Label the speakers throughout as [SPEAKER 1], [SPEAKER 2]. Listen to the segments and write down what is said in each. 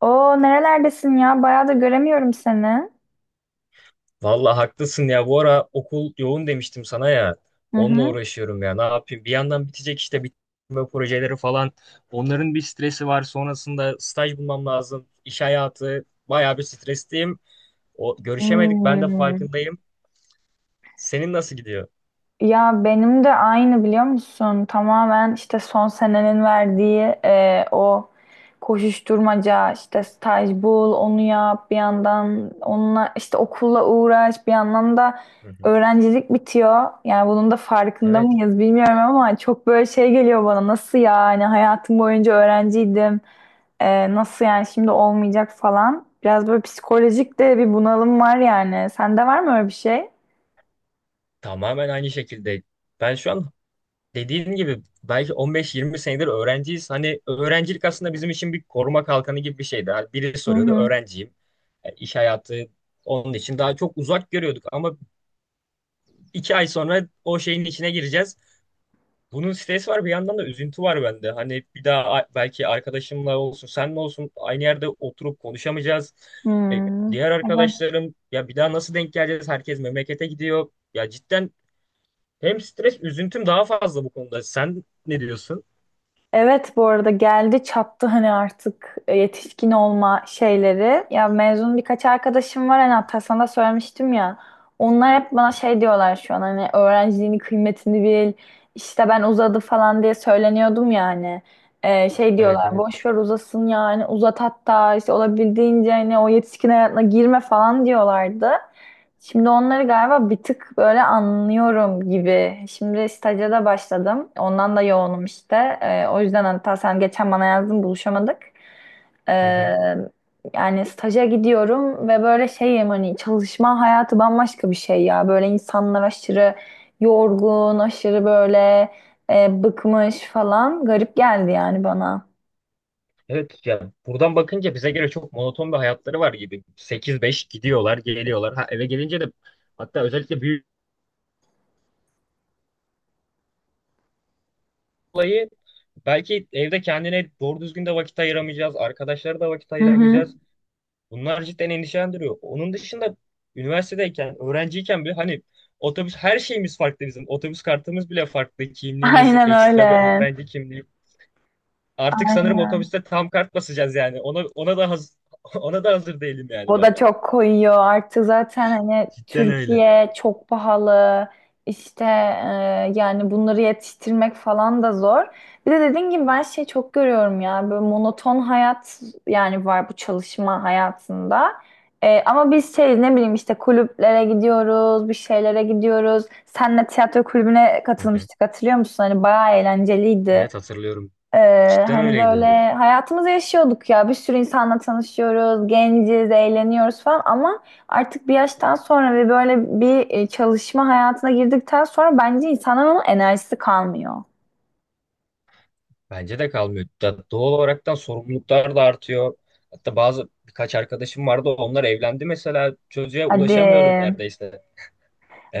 [SPEAKER 1] Oo, nerelerdesin ya? Bayağı da göremiyorum seni.
[SPEAKER 2] Vallahi haklısın ya. Bu ara okul yoğun demiştim sana ya.
[SPEAKER 1] Hı
[SPEAKER 2] Onunla
[SPEAKER 1] hı.
[SPEAKER 2] uğraşıyorum ya. Ne yapayım? Bir yandan bitecek işte bitirme projeleri falan. Onların bir stresi var. Sonrasında staj bulmam lazım. İş hayatı bayağı bir stresliyim. O görüşemedik. Ben de
[SPEAKER 1] Hmm.
[SPEAKER 2] farkındayım. Senin nasıl gidiyor?
[SPEAKER 1] Ya benim de aynı, biliyor musun? Tamamen işte son senenin verdiği e, o koşuşturmaca, işte staj bul, onu yap, bir yandan onunla işte okulla uğraş, bir yandan da
[SPEAKER 2] Hı hı.
[SPEAKER 1] öğrencilik bitiyor. Yani bunun da farkında
[SPEAKER 2] Evet.
[SPEAKER 1] mıyız bilmiyorum ama çok böyle şey geliyor bana, nasıl yani hayatım boyunca öğrenciydim. Nasıl yani şimdi olmayacak falan. Biraz böyle psikolojik de bir bunalım var yani. Sende var mı öyle bir şey?
[SPEAKER 2] Tamamen aynı şekilde. Ben şu an dediğin gibi belki 15-20 senedir öğrenciyiz. Hani öğrencilik aslında bizim için bir koruma kalkanı gibi bir şeydi. Hani biri
[SPEAKER 1] Hı
[SPEAKER 2] soruyordu
[SPEAKER 1] hı.
[SPEAKER 2] öğrenciyim. İş hayatı onun için daha çok uzak görüyorduk ama 2 ay sonra o şeyin içine gireceğiz. Bunun stresi var, bir yandan da üzüntü var bende. Hani bir daha belki arkadaşımla olsun, senle olsun aynı yerde oturup konuşamayacağız. E,
[SPEAKER 1] Hmm.
[SPEAKER 2] Diğer arkadaşlarım, ya bir daha nasıl denk geleceğiz? Herkes memlekete gidiyor. Ya cidden hem stres üzüntüm daha fazla bu konuda. Sen ne diyorsun?
[SPEAKER 1] Evet, bu arada geldi çattı hani artık yetişkin olma şeyleri. Ya, mezun birkaç arkadaşım var hani, hatta sana da söylemiştim ya. Onlar hep bana şey diyorlar şu an, hani öğrenciliğini, kıymetini bil. İşte ben uzadı falan diye söyleniyordum yani. Şey
[SPEAKER 2] Evet,
[SPEAKER 1] diyorlar,
[SPEAKER 2] evet.
[SPEAKER 1] boş ver uzasın yani, uzat hatta, işte olabildiğince hani o yetişkin hayatına girme falan diyorlardı. Şimdi onları galiba bir tık böyle anlıyorum gibi. Şimdi staja da başladım. Ondan da yoğunum işte. O yüzden hatta sen geçen bana yazdın, buluşamadık.
[SPEAKER 2] Hı
[SPEAKER 1] Ee,
[SPEAKER 2] hı.
[SPEAKER 1] Yani staja gidiyorum ve böyle şeyim, hani çalışma hayatı bambaşka bir şey ya. Böyle insanlar aşırı yorgun, aşırı böyle bıkmış falan. Garip geldi yani bana.
[SPEAKER 2] Evet ya, buradan bakınca bize göre çok monoton bir hayatları var gibi. 8-5 gidiyorlar, geliyorlar. Ha, eve gelince de, hatta özellikle büyük olayı, belki evde kendine doğru düzgün de vakit ayıramayacağız. Arkadaşlara da vakit
[SPEAKER 1] Hı hı.
[SPEAKER 2] ayıramayacağız. Bunlar cidden endişelendiriyor. Onun dışında üniversitedeyken, öğrenciyken bile hani otobüs, her şeyimiz farklı bizim. Otobüs kartımız bile farklı. Kimliğimiz
[SPEAKER 1] Aynen
[SPEAKER 2] ekstra bir
[SPEAKER 1] öyle.
[SPEAKER 2] öğrenci kimliği. Artık sanırım otobüste tam kart basacağız yani. Ona da hazır değilim yani
[SPEAKER 1] O
[SPEAKER 2] ben.
[SPEAKER 1] da çok koyuyor. Artık zaten hani
[SPEAKER 2] Cidden öyle.
[SPEAKER 1] Türkiye çok pahalı. İşte yani bunları yetiştirmek falan da zor. Bir de dediğin gibi ben şey çok görüyorum ya. Böyle monoton hayat yani var bu çalışma hayatında. E, ama biz şey, ne bileyim, işte kulüplere gidiyoruz, bir şeylere gidiyoruz. Senle tiyatro kulübüne
[SPEAKER 2] Hı hı.
[SPEAKER 1] katılmıştık, hatırlıyor musun? Hani bayağı eğlenceliydi.
[SPEAKER 2] Evet, hatırlıyorum. Cidden
[SPEAKER 1] Hani
[SPEAKER 2] öyleydi.
[SPEAKER 1] böyle hayatımızı yaşıyorduk ya. Bir sürü insanla tanışıyoruz, genciz, eğleniyoruz falan ama artık bir yaştan sonra ve böyle bir çalışma hayatına girdikten sonra bence insanın onun enerjisi kalmıyor.
[SPEAKER 2] Bence de kalmıyor. Doğal olaraktan sorumluluklar da artıyor. Hatta bazı birkaç arkadaşım vardı. Onlar evlendi mesela. Çocuğa
[SPEAKER 1] Hadi.
[SPEAKER 2] ulaşamıyorum neredeyse.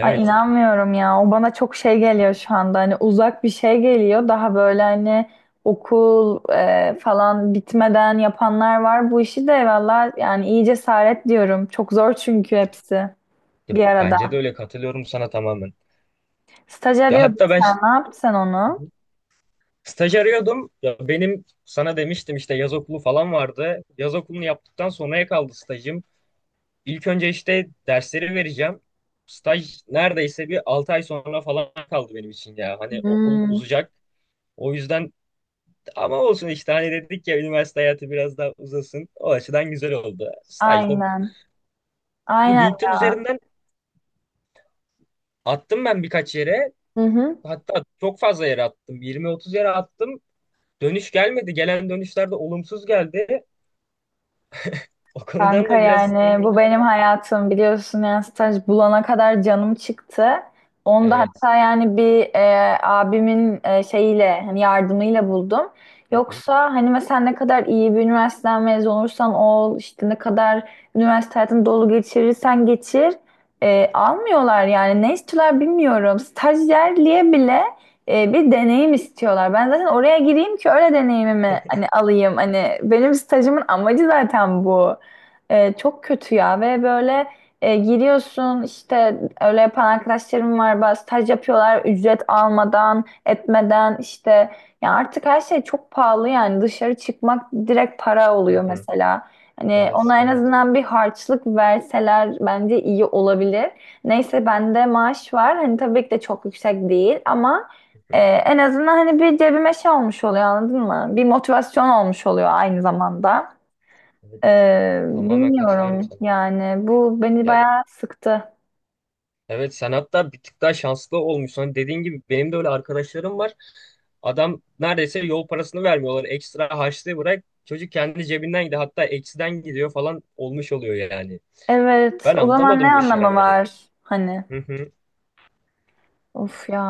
[SPEAKER 1] Ay, inanmıyorum ya. O bana çok şey geliyor şu anda. Hani uzak bir şey geliyor. Daha böyle hani okul falan bitmeden yapanlar var. Bu işi de valla yani iyi cesaret diyorum. Çok zor çünkü hepsi
[SPEAKER 2] Ya
[SPEAKER 1] bir arada.
[SPEAKER 2] bence de öyle, katılıyorum sana tamamen.
[SPEAKER 1] Staj
[SPEAKER 2] Ya
[SPEAKER 1] arıyordun
[SPEAKER 2] hatta ben ş-
[SPEAKER 1] sen. Ne yaptın sen
[SPEAKER 2] Hı
[SPEAKER 1] onu?
[SPEAKER 2] hı. Staj arıyordum. Ya benim sana demiştim, işte yaz okulu falan vardı. Yaz okulunu yaptıktan sonraya kaldı stajım. İlk önce işte dersleri vereceğim. Staj neredeyse bir 6 ay sonra falan kaldı benim için ya. Hani okul
[SPEAKER 1] Hmm.
[SPEAKER 2] uzayacak. O yüzden ama olsun, işte hani dedik ya, üniversite hayatı biraz daha uzasın. O açıdan güzel oldu. Stajda
[SPEAKER 1] Aynen.
[SPEAKER 2] bu
[SPEAKER 1] Aynen.
[SPEAKER 2] LinkedIn
[SPEAKER 1] Ya.
[SPEAKER 2] üzerinden attım ben birkaç yere.
[SPEAKER 1] Hı hı.
[SPEAKER 2] Hatta çok fazla yere attım. 20-30 yere attım. Dönüş gelmedi. Gelen dönüşler de olumsuz geldi. O konudan
[SPEAKER 1] Kanka,
[SPEAKER 2] da biraz
[SPEAKER 1] yani bu benim
[SPEAKER 2] endişelendim.
[SPEAKER 1] hayatım biliyorsun, yani staj bulana kadar canım çıktı. Onda
[SPEAKER 2] Evet.
[SPEAKER 1] hatta yani bir abimin şeyiyle, hani yardımıyla buldum.
[SPEAKER 2] Hı hı,
[SPEAKER 1] Yoksa hani mesela ne kadar iyi bir üniversiteden mezun olursan ol, işte ne kadar üniversite hayatını dolu geçirirsen geçir, almıyorlar yani, ne istiyorlar bilmiyorum. Stajyerliğe bile bir deneyim istiyorlar. Ben zaten oraya gireyim ki öyle deneyimimi hani alayım. Hani benim stajımın amacı zaten bu. E, çok kötü ya, ve böyle giriyorsun işte, öyle yapan arkadaşlarım var, bazı staj yapıyorlar ücret almadan etmeden işte, ya artık her şey çok pahalı yani, dışarı çıkmak direkt para
[SPEAKER 2] hı
[SPEAKER 1] oluyor
[SPEAKER 2] hı.
[SPEAKER 1] mesela. Hani
[SPEAKER 2] Evet,
[SPEAKER 1] ona en
[SPEAKER 2] evet.
[SPEAKER 1] azından bir harçlık verseler bence iyi olabilir. Neyse, bende maaş var. Hani tabii ki de çok yüksek değil ama
[SPEAKER 2] Hı hı.
[SPEAKER 1] en azından hani bir cebime şey olmuş oluyor, anladın mı? Bir motivasyon olmuş oluyor aynı zamanda.
[SPEAKER 2] Evet. Tamamen katılıyorum
[SPEAKER 1] Bilmiyorum
[SPEAKER 2] sana.
[SPEAKER 1] yani, bu beni
[SPEAKER 2] Ya,
[SPEAKER 1] bayağı sıktı.
[SPEAKER 2] evet, sen hatta bir tık daha şanslı olmuşsun. Hani dediğin gibi benim de öyle arkadaşlarım var. Adam neredeyse yol parasını vermiyorlar. Ekstra harçlığı bırak. Çocuk kendi cebinden gidiyor. Hatta eksiden gidiyor falan olmuş oluyor yani.
[SPEAKER 1] Evet,
[SPEAKER 2] Ben
[SPEAKER 1] o zaman
[SPEAKER 2] anlamadım
[SPEAKER 1] ne
[SPEAKER 2] bu
[SPEAKER 1] anlamı
[SPEAKER 2] işverenleri.
[SPEAKER 1] var hani,
[SPEAKER 2] Hı hı.
[SPEAKER 1] of ya,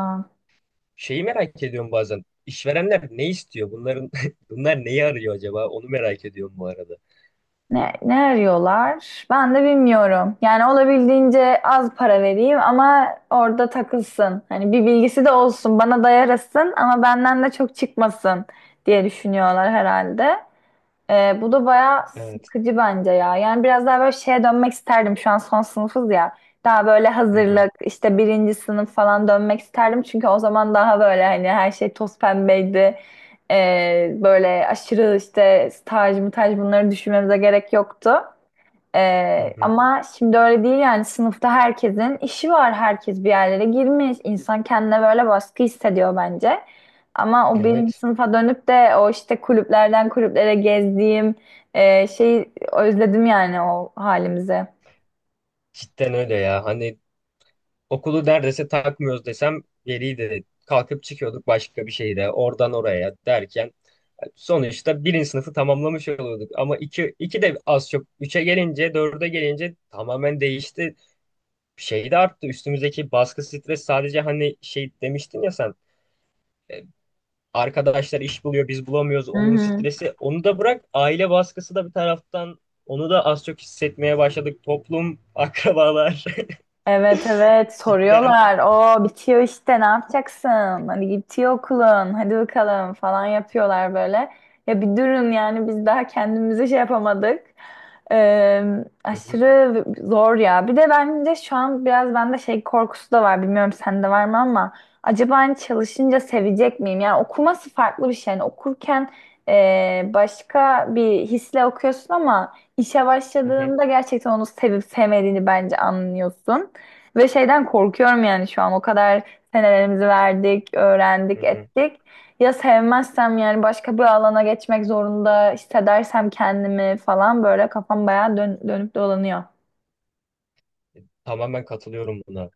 [SPEAKER 2] Şeyi merak ediyorum bazen. İşverenler ne istiyor? Bunların bunlar neyi arıyor acaba? Onu merak ediyorum bu arada.
[SPEAKER 1] ne, ne arıyorlar ben de bilmiyorum. Yani olabildiğince az para vereyim ama orada takılsın. Hani bir bilgisi de olsun, bana dayarasın, ama benden de çok çıkmasın diye düşünüyorlar herhalde. Bu da bayağı
[SPEAKER 2] Evet.
[SPEAKER 1] sıkıcı bence ya. Yani biraz daha böyle şeye dönmek isterdim. Şu an son sınıfız ya. Daha böyle
[SPEAKER 2] Hı hı.
[SPEAKER 1] hazırlık, işte birinci sınıf falan dönmek isterdim. Çünkü o zaman daha böyle hani her şey toz pembeydi. Böyle aşırı işte staj mı, bunları düşünmemize gerek yoktu.
[SPEAKER 2] Hı hı.
[SPEAKER 1] Ama şimdi öyle değil yani, sınıfta herkesin işi var. Herkes bir yerlere girmiş. İnsan kendine böyle baskı hissediyor bence. Ama o birinci
[SPEAKER 2] Evet.
[SPEAKER 1] sınıfa dönüp de o işte kulüplerden kulüplere gezdiğim şeyi özledim yani, o halimizi.
[SPEAKER 2] Cidden öyle ya. Hani okulu neredeyse takmıyoruz desem geriydi. Kalkıp çıkıyorduk başka bir şehre. Oradan oraya derken sonuçta birinci sınıfı tamamlamış oluyorduk. Ama iki, iki de az çok. Üçe gelince, dörde gelince tamamen değişti. Şey de arttı. Üstümüzdeki baskı, stres, sadece hani şey demiştin ya sen. e, Arkadaşlar iş buluyor, biz bulamıyoruz.
[SPEAKER 1] Hı
[SPEAKER 2] Onun
[SPEAKER 1] hı.
[SPEAKER 2] stresi. Onu da bırak. Aile baskısı da bir taraftan. Onu da az çok hissetmeye başladık. Toplum, akrabalar.
[SPEAKER 1] Evet, evet,
[SPEAKER 2] Cidden.
[SPEAKER 1] soruyorlar. O bitiyor işte, ne yapacaksın? Hani bitiyor okulun, hadi bakalım falan yapıyorlar böyle. Ya bir durun yani, biz daha kendimize şey yapamadık. Ee,
[SPEAKER 2] Hı hı,
[SPEAKER 1] Aşırı zor ya. Bir de bence şu an biraz bende şey korkusu da var. Bilmiyorum sende var mı ama acaba hani çalışınca sevecek miyim? Yani okuması farklı bir şey. Yani okurken başka bir hisle okuyorsun ama işe
[SPEAKER 2] hı hı,
[SPEAKER 1] başladığında gerçekten onu sevip sevmediğini bence anlıyorsun. Ve şeyden korkuyorum yani, şu an o kadar senelerimizi verdik,
[SPEAKER 2] hı
[SPEAKER 1] öğrendik,
[SPEAKER 2] hı.
[SPEAKER 1] ettik. Ya sevmezsem yani başka bir alana geçmek zorunda hissedersem kendimi falan, böyle kafam bayağı dönüp dolanıyor.
[SPEAKER 2] Tamamen katılıyorum buna.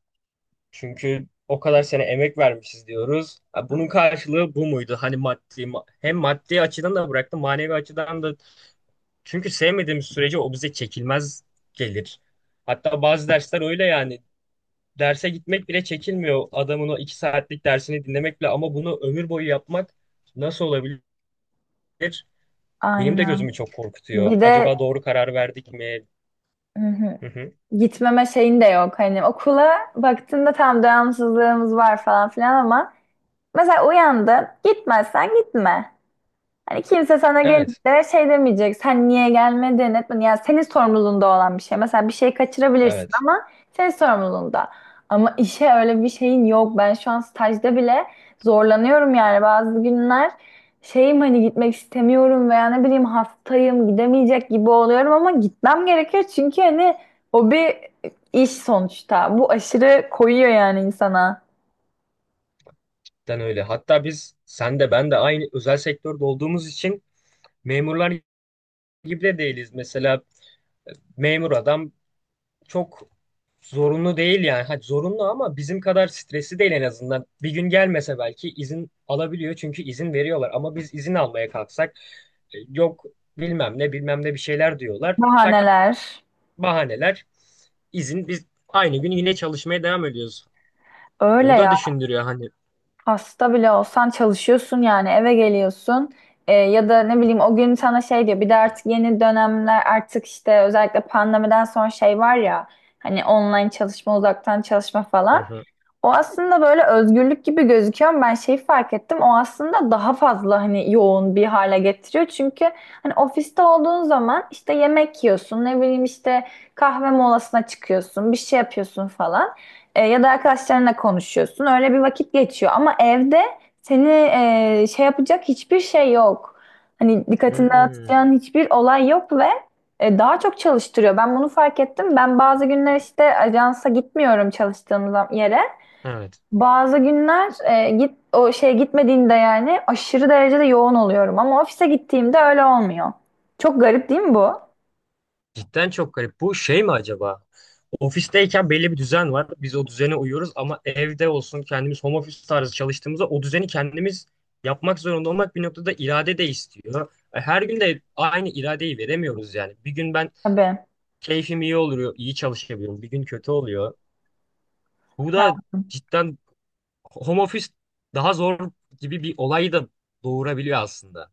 [SPEAKER 2] Çünkü o kadar sene emek vermişiz diyoruz. Ha, bunun karşılığı bu muydu? Hani maddi hem maddi açıdan da bıraktım, manevi açıdan da. Çünkü sevmediğimiz sürece o bize çekilmez gelir. Hatta bazı dersler öyle yani. Derse gitmek bile çekinmiyor adamın, o 2 saatlik dersini dinlemek bile, ama bunu ömür boyu yapmak nasıl olabilir? Benim de
[SPEAKER 1] Aynen.
[SPEAKER 2] gözümü çok korkutuyor.
[SPEAKER 1] Bir de
[SPEAKER 2] Acaba doğru karar verdik mi?
[SPEAKER 1] hı hı,
[SPEAKER 2] Hı hı.
[SPEAKER 1] gitmeme şeyin de yok. Hani okula baktığında tam devamsızlığımız var falan filan ama mesela uyandı, gitmezsen gitme. Hani kimse sana
[SPEAKER 2] Evet,
[SPEAKER 1] gelip de şey demeyecek, sen niye gelmedin etmedin. Yani senin sorumluluğunda olan bir şey. Mesela bir şey kaçırabilirsin
[SPEAKER 2] evet.
[SPEAKER 1] ama senin sorumluluğunda. Ama işe öyle bir şeyin yok. Ben şu an stajda bile zorlanıyorum yani bazı günler. Şeyim, hani gitmek istemiyorum veya ne bileyim hastayım, gidemeyecek gibi oluyorum ama gitmem gerekiyor. Çünkü hani o bir iş sonuçta. Bu aşırı koyuyor yani insana.
[SPEAKER 2] Ben öyle. Hatta biz, sen de ben de aynı özel sektörde olduğumuz için, memurlar gibi de değiliz. Mesela e, memur adam çok zorunlu değil yani. Hadi zorunlu ama bizim kadar stresi değil en azından. Bir gün gelmese belki izin alabiliyor, çünkü izin veriyorlar. Ama biz izin almaya kalksak yok bilmem ne bilmem ne bir şeyler diyorlar. Tak
[SPEAKER 1] Bahaneler.
[SPEAKER 2] bahaneler, izin, biz aynı gün yine çalışmaya devam ediyoruz. O
[SPEAKER 1] Öyle.
[SPEAKER 2] da düşündürüyor hani.
[SPEAKER 1] Hasta bile olsan çalışıyorsun yani, eve geliyorsun. Ya da ne bileyim o gün sana şey diyor, bir de artık yeni dönemler, artık işte özellikle pandemiden sonra şey var ya, hani online çalışma, uzaktan çalışma
[SPEAKER 2] Hı
[SPEAKER 1] falan,
[SPEAKER 2] hı.
[SPEAKER 1] o aslında böyle özgürlük gibi gözüküyor ama ben şeyi fark ettim, o aslında daha fazla hani yoğun bir hale getiriyor çünkü hani ofiste olduğun zaman işte yemek yiyorsun, ne bileyim işte kahve molasına çıkıyorsun, bir şey yapıyorsun falan. E, ya da arkadaşlarınla konuşuyorsun. Öyle bir vakit geçiyor. Ama evde seni şey yapacak hiçbir şey yok. Hani dikkatini
[SPEAKER 2] Hmm,
[SPEAKER 1] dağıtacağın hiçbir olay yok ve daha çok çalıştırıyor. Ben bunu fark ettim. Ben bazı günler işte ajansa gitmiyorum, çalıştığım yere.
[SPEAKER 2] evet.
[SPEAKER 1] Bazı günler git, o şeye gitmediğimde yani aşırı derecede yoğun oluyorum. Ama ofise gittiğimde öyle olmuyor. Çok garip değil mi bu?
[SPEAKER 2] Cidden çok garip. Bu şey mi acaba? Ofisteyken belli bir düzen var. Biz o düzene uyuyoruz, ama evde olsun kendimiz home office tarzı çalıştığımızda o düzeni kendimiz yapmak zorunda olmak bir noktada irade de istiyor. E, Her gün de aynı iradeyi veremiyoruz yani. Bir gün ben
[SPEAKER 1] Tabii.
[SPEAKER 2] keyfim iyi oluyor, iyi çalışabiliyorum. Bir gün kötü oluyor. Bu da cidden home office daha zor gibi bir olayı da doğurabiliyor aslında.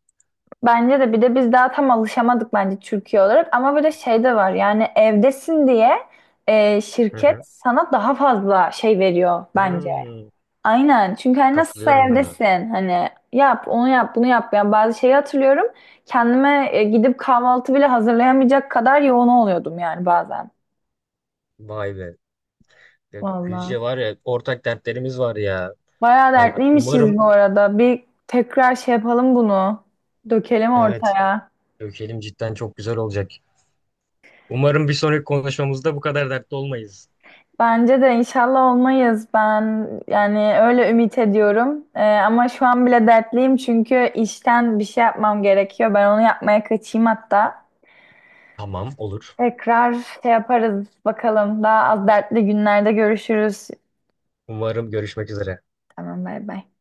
[SPEAKER 1] Bence de. Bir de biz daha tam alışamadık bence Türkiye olarak ama böyle şey de var, yani evdesin diye
[SPEAKER 2] Hı
[SPEAKER 1] şirket
[SPEAKER 2] hı.
[SPEAKER 1] sana daha fazla şey veriyor bence.
[SPEAKER 2] Hmm,
[SPEAKER 1] Aynen, çünkü hani nasılsa
[SPEAKER 2] katılıyorum buna.
[SPEAKER 1] evdesin, hani yap onu, yap bunu, yap. Yani bazı şeyi hatırlıyorum, kendime gidip kahvaltı bile hazırlayamayacak kadar yoğun oluyordum yani bazen.
[SPEAKER 2] Vay be. Ya
[SPEAKER 1] Vallahi
[SPEAKER 2] Gülce, var ya ortak dertlerimiz var ya.
[SPEAKER 1] bayağı
[SPEAKER 2] Ay, umarım.
[SPEAKER 1] dertliymişiz bu arada, bir tekrar şey yapalım, bunu dökelim
[SPEAKER 2] Evet,
[SPEAKER 1] ortaya.
[SPEAKER 2] dökelim, cidden çok güzel olacak. Umarım bir sonraki konuşmamızda bu kadar dertli olmayız.
[SPEAKER 1] Bence de inşallah olmayız. Ben yani öyle ümit ediyorum. Ama şu an bile dertliyim çünkü işten bir şey yapmam gerekiyor. Ben onu yapmaya kaçayım hatta.
[SPEAKER 2] Tamam, olur.
[SPEAKER 1] Tekrar şey yaparız bakalım. Daha az dertli günlerde görüşürüz.
[SPEAKER 2] Umarım, görüşmek üzere.
[SPEAKER 1] Tamam, bay bay.